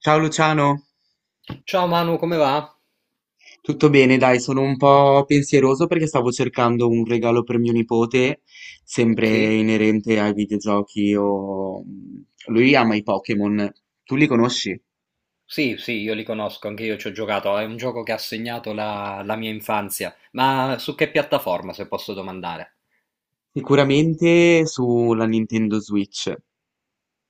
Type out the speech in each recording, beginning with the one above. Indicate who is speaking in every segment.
Speaker 1: Ciao Luciano,
Speaker 2: Ciao Manu, come va?
Speaker 1: tutto bene? Dai, sono un po' pensieroso perché stavo cercando un regalo per mio nipote, sempre
Speaker 2: Sì?
Speaker 1: inerente ai videogiochi lui ama i Pokémon, tu li conosci?
Speaker 2: Sì, sì, io li conosco, anche io ci ho giocato, è un gioco che ha segnato la mia infanzia, ma su che piattaforma, se posso domandare?
Speaker 1: Sicuramente sulla Nintendo Switch.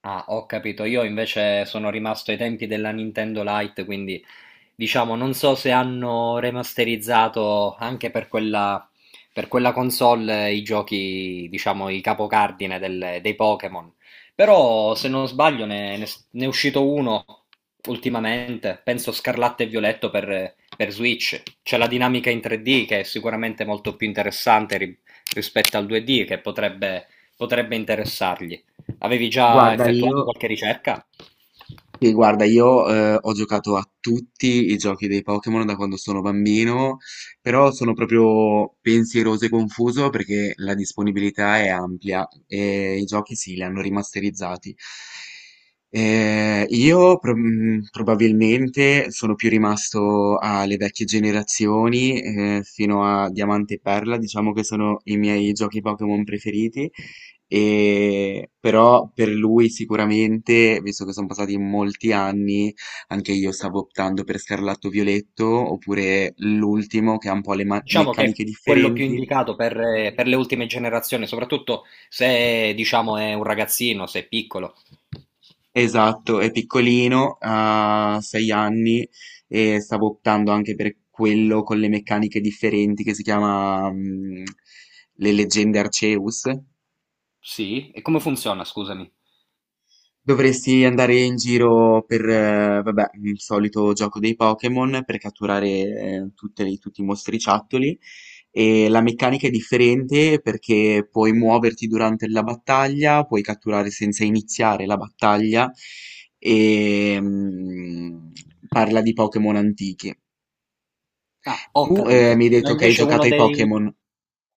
Speaker 2: Ah, ho capito. Io invece sono rimasto ai tempi della Nintendo Lite, quindi diciamo non so se hanno remasterizzato anche per quella console i giochi, diciamo, i capocardine dei Pokémon. Però se non sbaglio ne è uscito uno ultimamente, penso Scarlatto e Violetto per Switch. C'è la dinamica in 3D che è sicuramente molto più interessante rispetto al 2D, che potrebbe interessargli. Avevi già
Speaker 1: Guarda, io
Speaker 2: effettuato qualche ricerca?
Speaker 1: Sì, guarda, io ho giocato a tutti i giochi dei Pokémon da quando sono bambino, però sono proprio pensieroso e confuso perché la disponibilità è ampia e i giochi sì, li hanno rimasterizzati. Io probabilmente sono più rimasto alle vecchie generazioni, fino a Diamante e Perla, diciamo che sono i miei giochi Pokémon preferiti. E, però per lui sicuramente, visto che sono passati molti anni, anche io stavo optando per Scarlatto Violetto, oppure l'ultimo che ha un po' le
Speaker 2: Diciamo che è
Speaker 1: meccaniche
Speaker 2: quello più
Speaker 1: differenti.
Speaker 2: indicato per le ultime generazioni, soprattutto se, diciamo, è un ragazzino, se è piccolo.
Speaker 1: Esatto, è piccolino, ha sei anni e stavo optando anche per quello con le meccaniche differenti che si chiama Le leggende Arceus.
Speaker 2: Sì? E come funziona, scusami?
Speaker 1: Dovresti andare in giro per, vabbè, il solito gioco dei Pokémon per catturare tutte tutti i mostriciattoli. E la meccanica è differente perché puoi muoverti durante la battaglia, puoi catturare senza iniziare la battaglia e parla di Pokémon antichi.
Speaker 2: Ah, ho
Speaker 1: Tu
Speaker 2: capito.
Speaker 1: mi hai
Speaker 2: Ma
Speaker 1: detto che hai
Speaker 2: invece uno
Speaker 1: giocato ai
Speaker 2: dei...
Speaker 1: Pokémon.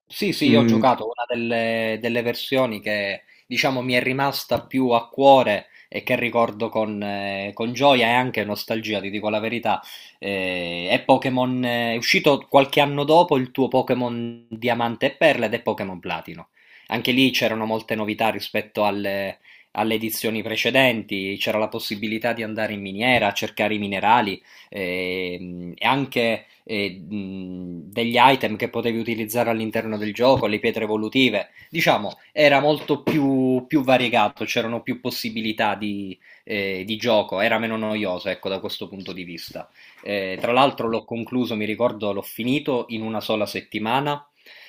Speaker 2: Sì, sì, io ho
Speaker 1: Mm,
Speaker 2: giocato una delle versioni che diciamo mi è rimasta più a cuore e che ricordo con gioia e anche nostalgia, ti dico la verità. È Pokémon, è uscito qualche anno dopo il tuo Pokémon Diamante e Perla ed è Pokémon Platino. Anche lì c'erano molte novità rispetto alle edizioni precedenti, c'era la possibilità di andare in miniera a cercare i minerali e anche degli item che potevi utilizzare all'interno del gioco, le pietre evolutive, diciamo era molto più variegato, c'erano più possibilità di gioco, era meno noioso ecco da questo punto di vista. Tra l'altro l'ho concluso, mi ricordo, l'ho finito in una sola settimana.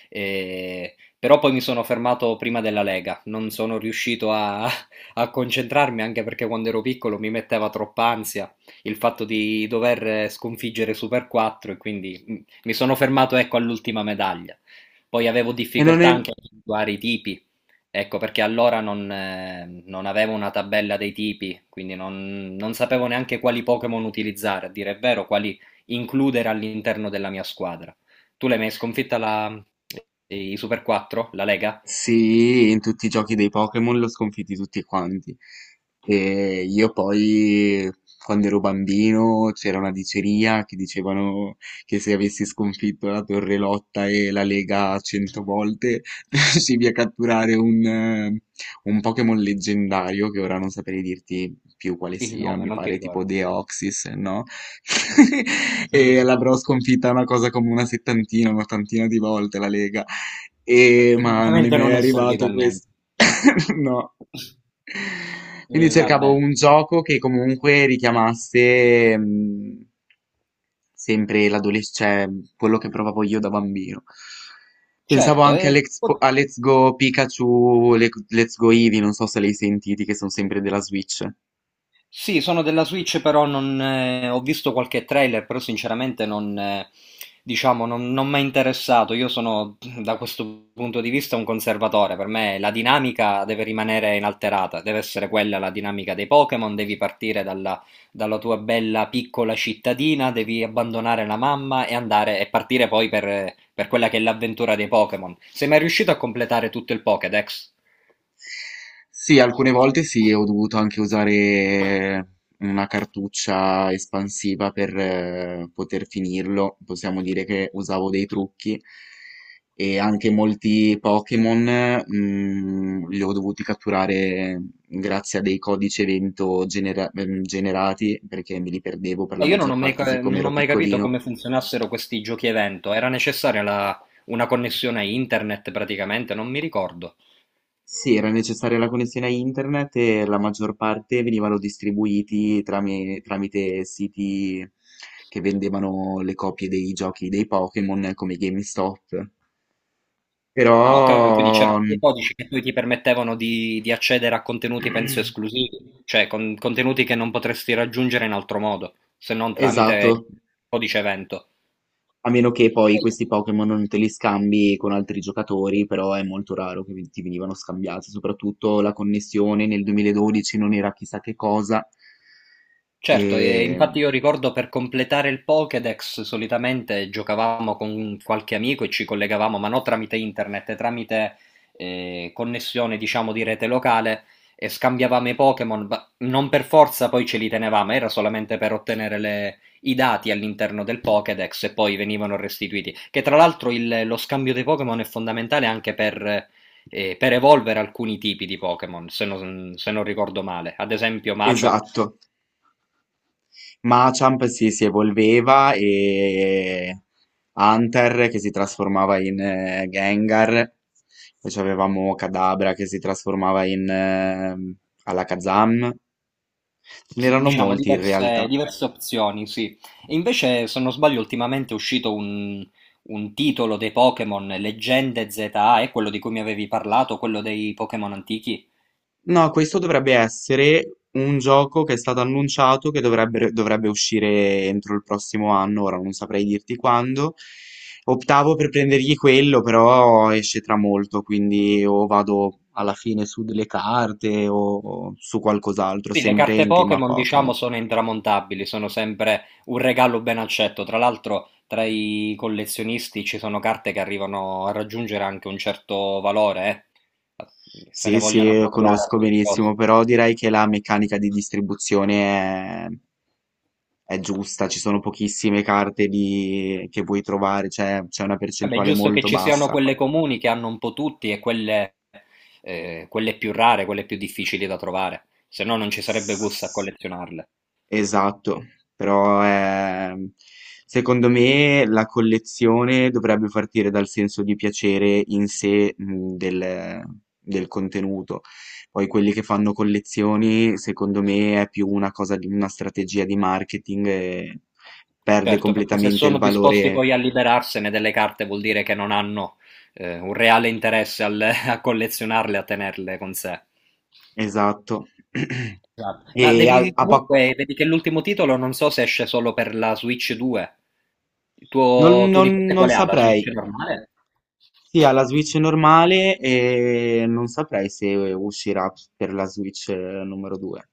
Speaker 2: Però poi mi sono fermato prima della Lega, non sono riuscito a concentrarmi anche perché quando ero piccolo mi metteva troppa ansia il fatto di dover sconfiggere Super 4 e quindi mi sono fermato ecco all'ultima medaglia. Poi avevo
Speaker 1: e non
Speaker 2: difficoltà
Speaker 1: è,
Speaker 2: anche a individuare i tipi, ecco perché allora non avevo una tabella dei tipi, quindi non sapevo neanche quali Pokémon utilizzare, a dire il vero, quali includere all'interno della mia squadra. Tu l'hai mai sconfitta i Super 4, la Lega?
Speaker 1: Sì, in tutti i giochi dei Pokémon l'ho sconfitti tutti quanti. E io poi, quando ero bambino, c'era una diceria che dicevano che se avessi sconfitto la Torre Lotta e la Lega cento volte, riuscivi a catturare un Pokémon leggendario, che ora non saprei dirti più quale
Speaker 2: Il
Speaker 1: sia,
Speaker 2: nome,
Speaker 1: mi
Speaker 2: non ti
Speaker 1: pare tipo
Speaker 2: ricordo.
Speaker 1: Deoxys, no? E l'avrò sconfitta una cosa come una settantina, un'ottantina di volte la Lega. E ma non è
Speaker 2: Ovviamente
Speaker 1: mai
Speaker 2: non è servito a
Speaker 1: arrivato
Speaker 2: niente.
Speaker 1: questo. No.
Speaker 2: E
Speaker 1: Quindi cercavo
Speaker 2: vabbè,
Speaker 1: un gioco che comunque richiamasse sempre l'adolescente, cioè quello che provavo io da bambino. Pensavo
Speaker 2: certo,
Speaker 1: anche A Let's Go Pikachu, Let's Go Eevee, non so se li hai sentiti, che sono sempre della Switch.
Speaker 2: sì, sono della Switch, però non, ho visto qualche trailer, però sinceramente non, diciamo, non mi è interessato. Io sono, da questo punto di vista, un conservatore. Per me la dinamica deve rimanere inalterata, deve essere quella la dinamica dei Pokémon, devi partire dalla tua bella piccola cittadina, devi abbandonare la mamma e andare e partire poi per quella che è l'avventura dei Pokémon. Sei mai riuscito a completare tutto il Pokédex?
Speaker 1: Sì, alcune volte sì, ho dovuto anche usare una cartuccia espansiva per poter finirlo. Possiamo dire che usavo dei trucchi e anche molti Pokémon li ho dovuti catturare grazie a dei codici evento generati perché me li perdevo per la
Speaker 2: E io
Speaker 1: maggior parte siccome
Speaker 2: non ho
Speaker 1: ero
Speaker 2: mai capito
Speaker 1: piccolino.
Speaker 2: come funzionassero questi giochi evento. Era necessaria una connessione a internet praticamente, non mi ricordo.
Speaker 1: Sì, era necessaria la connessione a internet e la maggior parte venivano distribuiti tramite siti che vendevano le copie dei giochi dei Pokémon come GameStop.
Speaker 2: Ah, ok, quindi
Speaker 1: Però,
Speaker 2: c'erano
Speaker 1: mm,
Speaker 2: dei codici che poi ti permettevano di accedere a contenuti, penso, esclusivi, cioè contenuti che non potresti raggiungere in altro modo, se non
Speaker 1: esatto,
Speaker 2: tramite il codice evento.
Speaker 1: a meno che poi questi Pokémon non te li scambi con altri giocatori, però è molto raro che ti venivano scambiati, soprattutto la connessione nel 2012 non era chissà che cosa.
Speaker 2: Certo, e
Speaker 1: E...
Speaker 2: infatti io ricordo per completare il Pokédex solitamente giocavamo con qualche amico e ci collegavamo, ma non tramite internet, tramite connessione, diciamo, di rete locale e scambiavamo i Pokémon, ma non per forza poi ce li tenevamo, era solamente per ottenere i dati all'interno del Pokédex e poi venivano restituiti. Che tra l'altro lo scambio dei Pokémon è fondamentale anche per evolvere alcuni tipi di Pokémon, se non ricordo male. Ad esempio, Machop
Speaker 1: Esatto. Machamp si evolveva e Hunter che si trasformava in Gengar, poi avevamo Kadabra che si trasformava in Alakazam, ce
Speaker 2: sì,
Speaker 1: n'erano
Speaker 2: diciamo
Speaker 1: molti in
Speaker 2: diverse,
Speaker 1: realtà.
Speaker 2: diverse opzioni, sì. E invece, se non sbaglio, ultimamente è uscito un titolo dei Pokémon, Leggende ZA, è quello di cui mi avevi parlato, quello dei Pokémon antichi.
Speaker 1: No, questo dovrebbe essere un gioco che è stato annunciato che dovrebbe uscire entro il prossimo anno, ora non saprei dirti quando. Optavo per prendergli quello, però esce tra molto, quindi o vado alla fine su delle carte o su qualcos'altro,
Speaker 2: Sì, le
Speaker 1: sempre
Speaker 2: carte
Speaker 1: in tema
Speaker 2: Pokémon, diciamo,
Speaker 1: Pokémon.
Speaker 2: sono intramontabili, sono sempre un regalo ben accetto. Tra l'altro, tra i collezionisti ci sono carte che arrivano a raggiungere anche un certo valore, eh. Se ne
Speaker 1: Sì,
Speaker 2: vogliono
Speaker 1: sì,
Speaker 2: appropriare a
Speaker 1: conosco
Speaker 2: tutti i
Speaker 1: benissimo,
Speaker 2: costi.
Speaker 1: però direi che la meccanica di distribuzione è giusta, ci sono pochissime carte che puoi trovare, cioè c'è una
Speaker 2: Vabbè, è
Speaker 1: percentuale
Speaker 2: giusto che
Speaker 1: molto
Speaker 2: ci siano
Speaker 1: bassa.
Speaker 2: quelle comuni che hanno un po' tutti e quelle più rare, quelle più difficili da trovare, se no non ci sarebbe gusto a collezionarle.
Speaker 1: Esatto, però secondo me la collezione dovrebbe partire dal senso di piacere in sé del, del contenuto. Poi quelli che fanno collezioni, secondo me, è più una cosa di una strategia di marketing e perde
Speaker 2: Certo, perché se
Speaker 1: completamente il
Speaker 2: sono disposti
Speaker 1: valore
Speaker 2: poi a liberarsene delle carte vuol dire che non hanno un reale interesse a collezionarle, a tenerle con sé.
Speaker 1: esatto.
Speaker 2: Esatto. Ma
Speaker 1: E a,
Speaker 2: devi
Speaker 1: a pa-
Speaker 2: comunque, vedi che l'ultimo titolo non so se esce solo per la Switch 2. Il
Speaker 1: non
Speaker 2: tuo, tuo
Speaker 1: non-
Speaker 2: nipote
Speaker 1: Non
Speaker 2: quale ha? La
Speaker 1: saprei.
Speaker 2: Switch normale?
Speaker 1: Sì, ha la Switch normale e non saprei se uscirà per la Switch numero 2.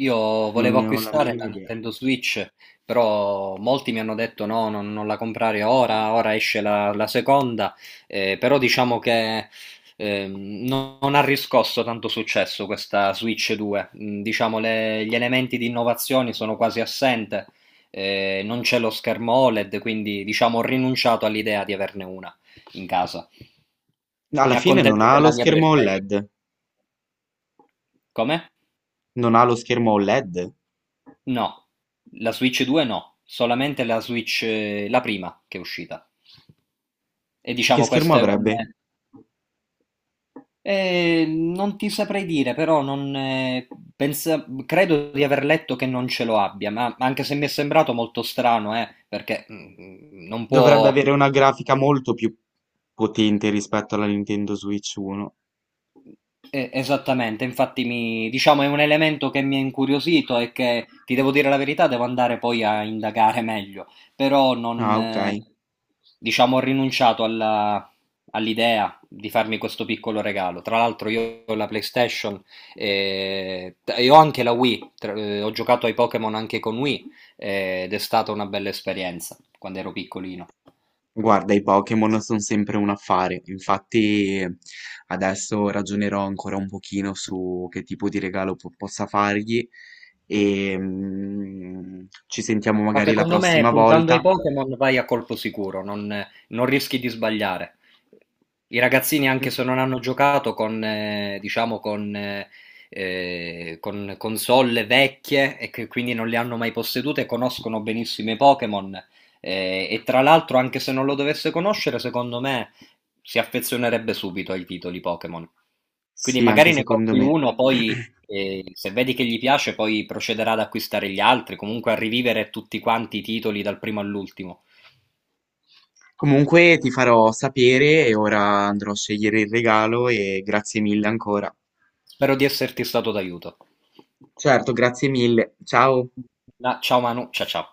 Speaker 2: Io
Speaker 1: Non
Speaker 2: volevo
Speaker 1: ne ho la
Speaker 2: acquistare la
Speaker 1: minima idea.
Speaker 2: Nintendo Switch, però molti mi hanno detto no, non la comprare ora, ora esce la seconda, però diciamo che non ha riscosso tanto successo questa Switch 2. Diciamo gli elementi di innovazione sono quasi assente, non c'è lo schermo OLED, quindi diciamo ho rinunciato all'idea di averne una in casa. Mi
Speaker 1: Alla fine non
Speaker 2: accontento
Speaker 1: ha lo
Speaker 2: della mia
Speaker 1: schermo
Speaker 2: PlayStation.
Speaker 1: OLED.
Speaker 2: Come?
Speaker 1: Non ha lo schermo OLED.
Speaker 2: No, la Switch 2 no, solamente la Switch la prima che è uscita. E
Speaker 1: Che
Speaker 2: diciamo
Speaker 1: schermo
Speaker 2: questo è un...
Speaker 1: avrebbe?
Speaker 2: Non ti saprei dire, però non, credo di aver letto che non ce lo abbia, ma anche se mi è sembrato molto strano, perché non
Speaker 1: Dovrebbe
Speaker 2: può.
Speaker 1: avere una grafica molto più potente rispetto alla Nintendo Switch 1.
Speaker 2: Esattamente, infatti diciamo è un elemento che mi ha incuriosito e che ti devo dire la verità, devo andare poi a indagare meglio, però non,
Speaker 1: Ah, ok.
Speaker 2: diciamo, ho rinunciato all'idea di farmi questo piccolo regalo. Tra l'altro io ho la PlayStation e ho anche la Wii, ho giocato ai Pokémon anche con Wii ed è stata una bella esperienza quando ero piccolino.
Speaker 1: Guarda, i Pokémon sono sempre un affare, infatti adesso ragionerò ancora un pochino su che tipo di regalo possa fargli e ci sentiamo
Speaker 2: Ma
Speaker 1: magari la
Speaker 2: secondo me
Speaker 1: prossima
Speaker 2: puntando ai
Speaker 1: volta.
Speaker 2: Pokémon vai a colpo sicuro, non rischi di sbagliare. I ragazzini, anche
Speaker 1: Mm?
Speaker 2: se non hanno giocato diciamo, con console vecchie e che quindi non le hanno mai possedute, conoscono benissimo i Pokémon. E tra l'altro, anche se non lo dovesse conoscere, secondo me si affezionerebbe subito ai titoli Pokémon. Quindi
Speaker 1: Sì, anche
Speaker 2: magari ne
Speaker 1: secondo
Speaker 2: compri
Speaker 1: me.
Speaker 2: uno, poi se vedi che gli piace, poi procederà ad acquistare gli altri, comunque a rivivere tutti quanti i titoli dal primo all'ultimo.
Speaker 1: Comunque ti farò sapere e ora andrò a scegliere il regalo e grazie mille ancora.
Speaker 2: Spero di esserti stato d'aiuto.
Speaker 1: Certo, grazie mille. Ciao.
Speaker 2: Ciao Manu, ciao ciao.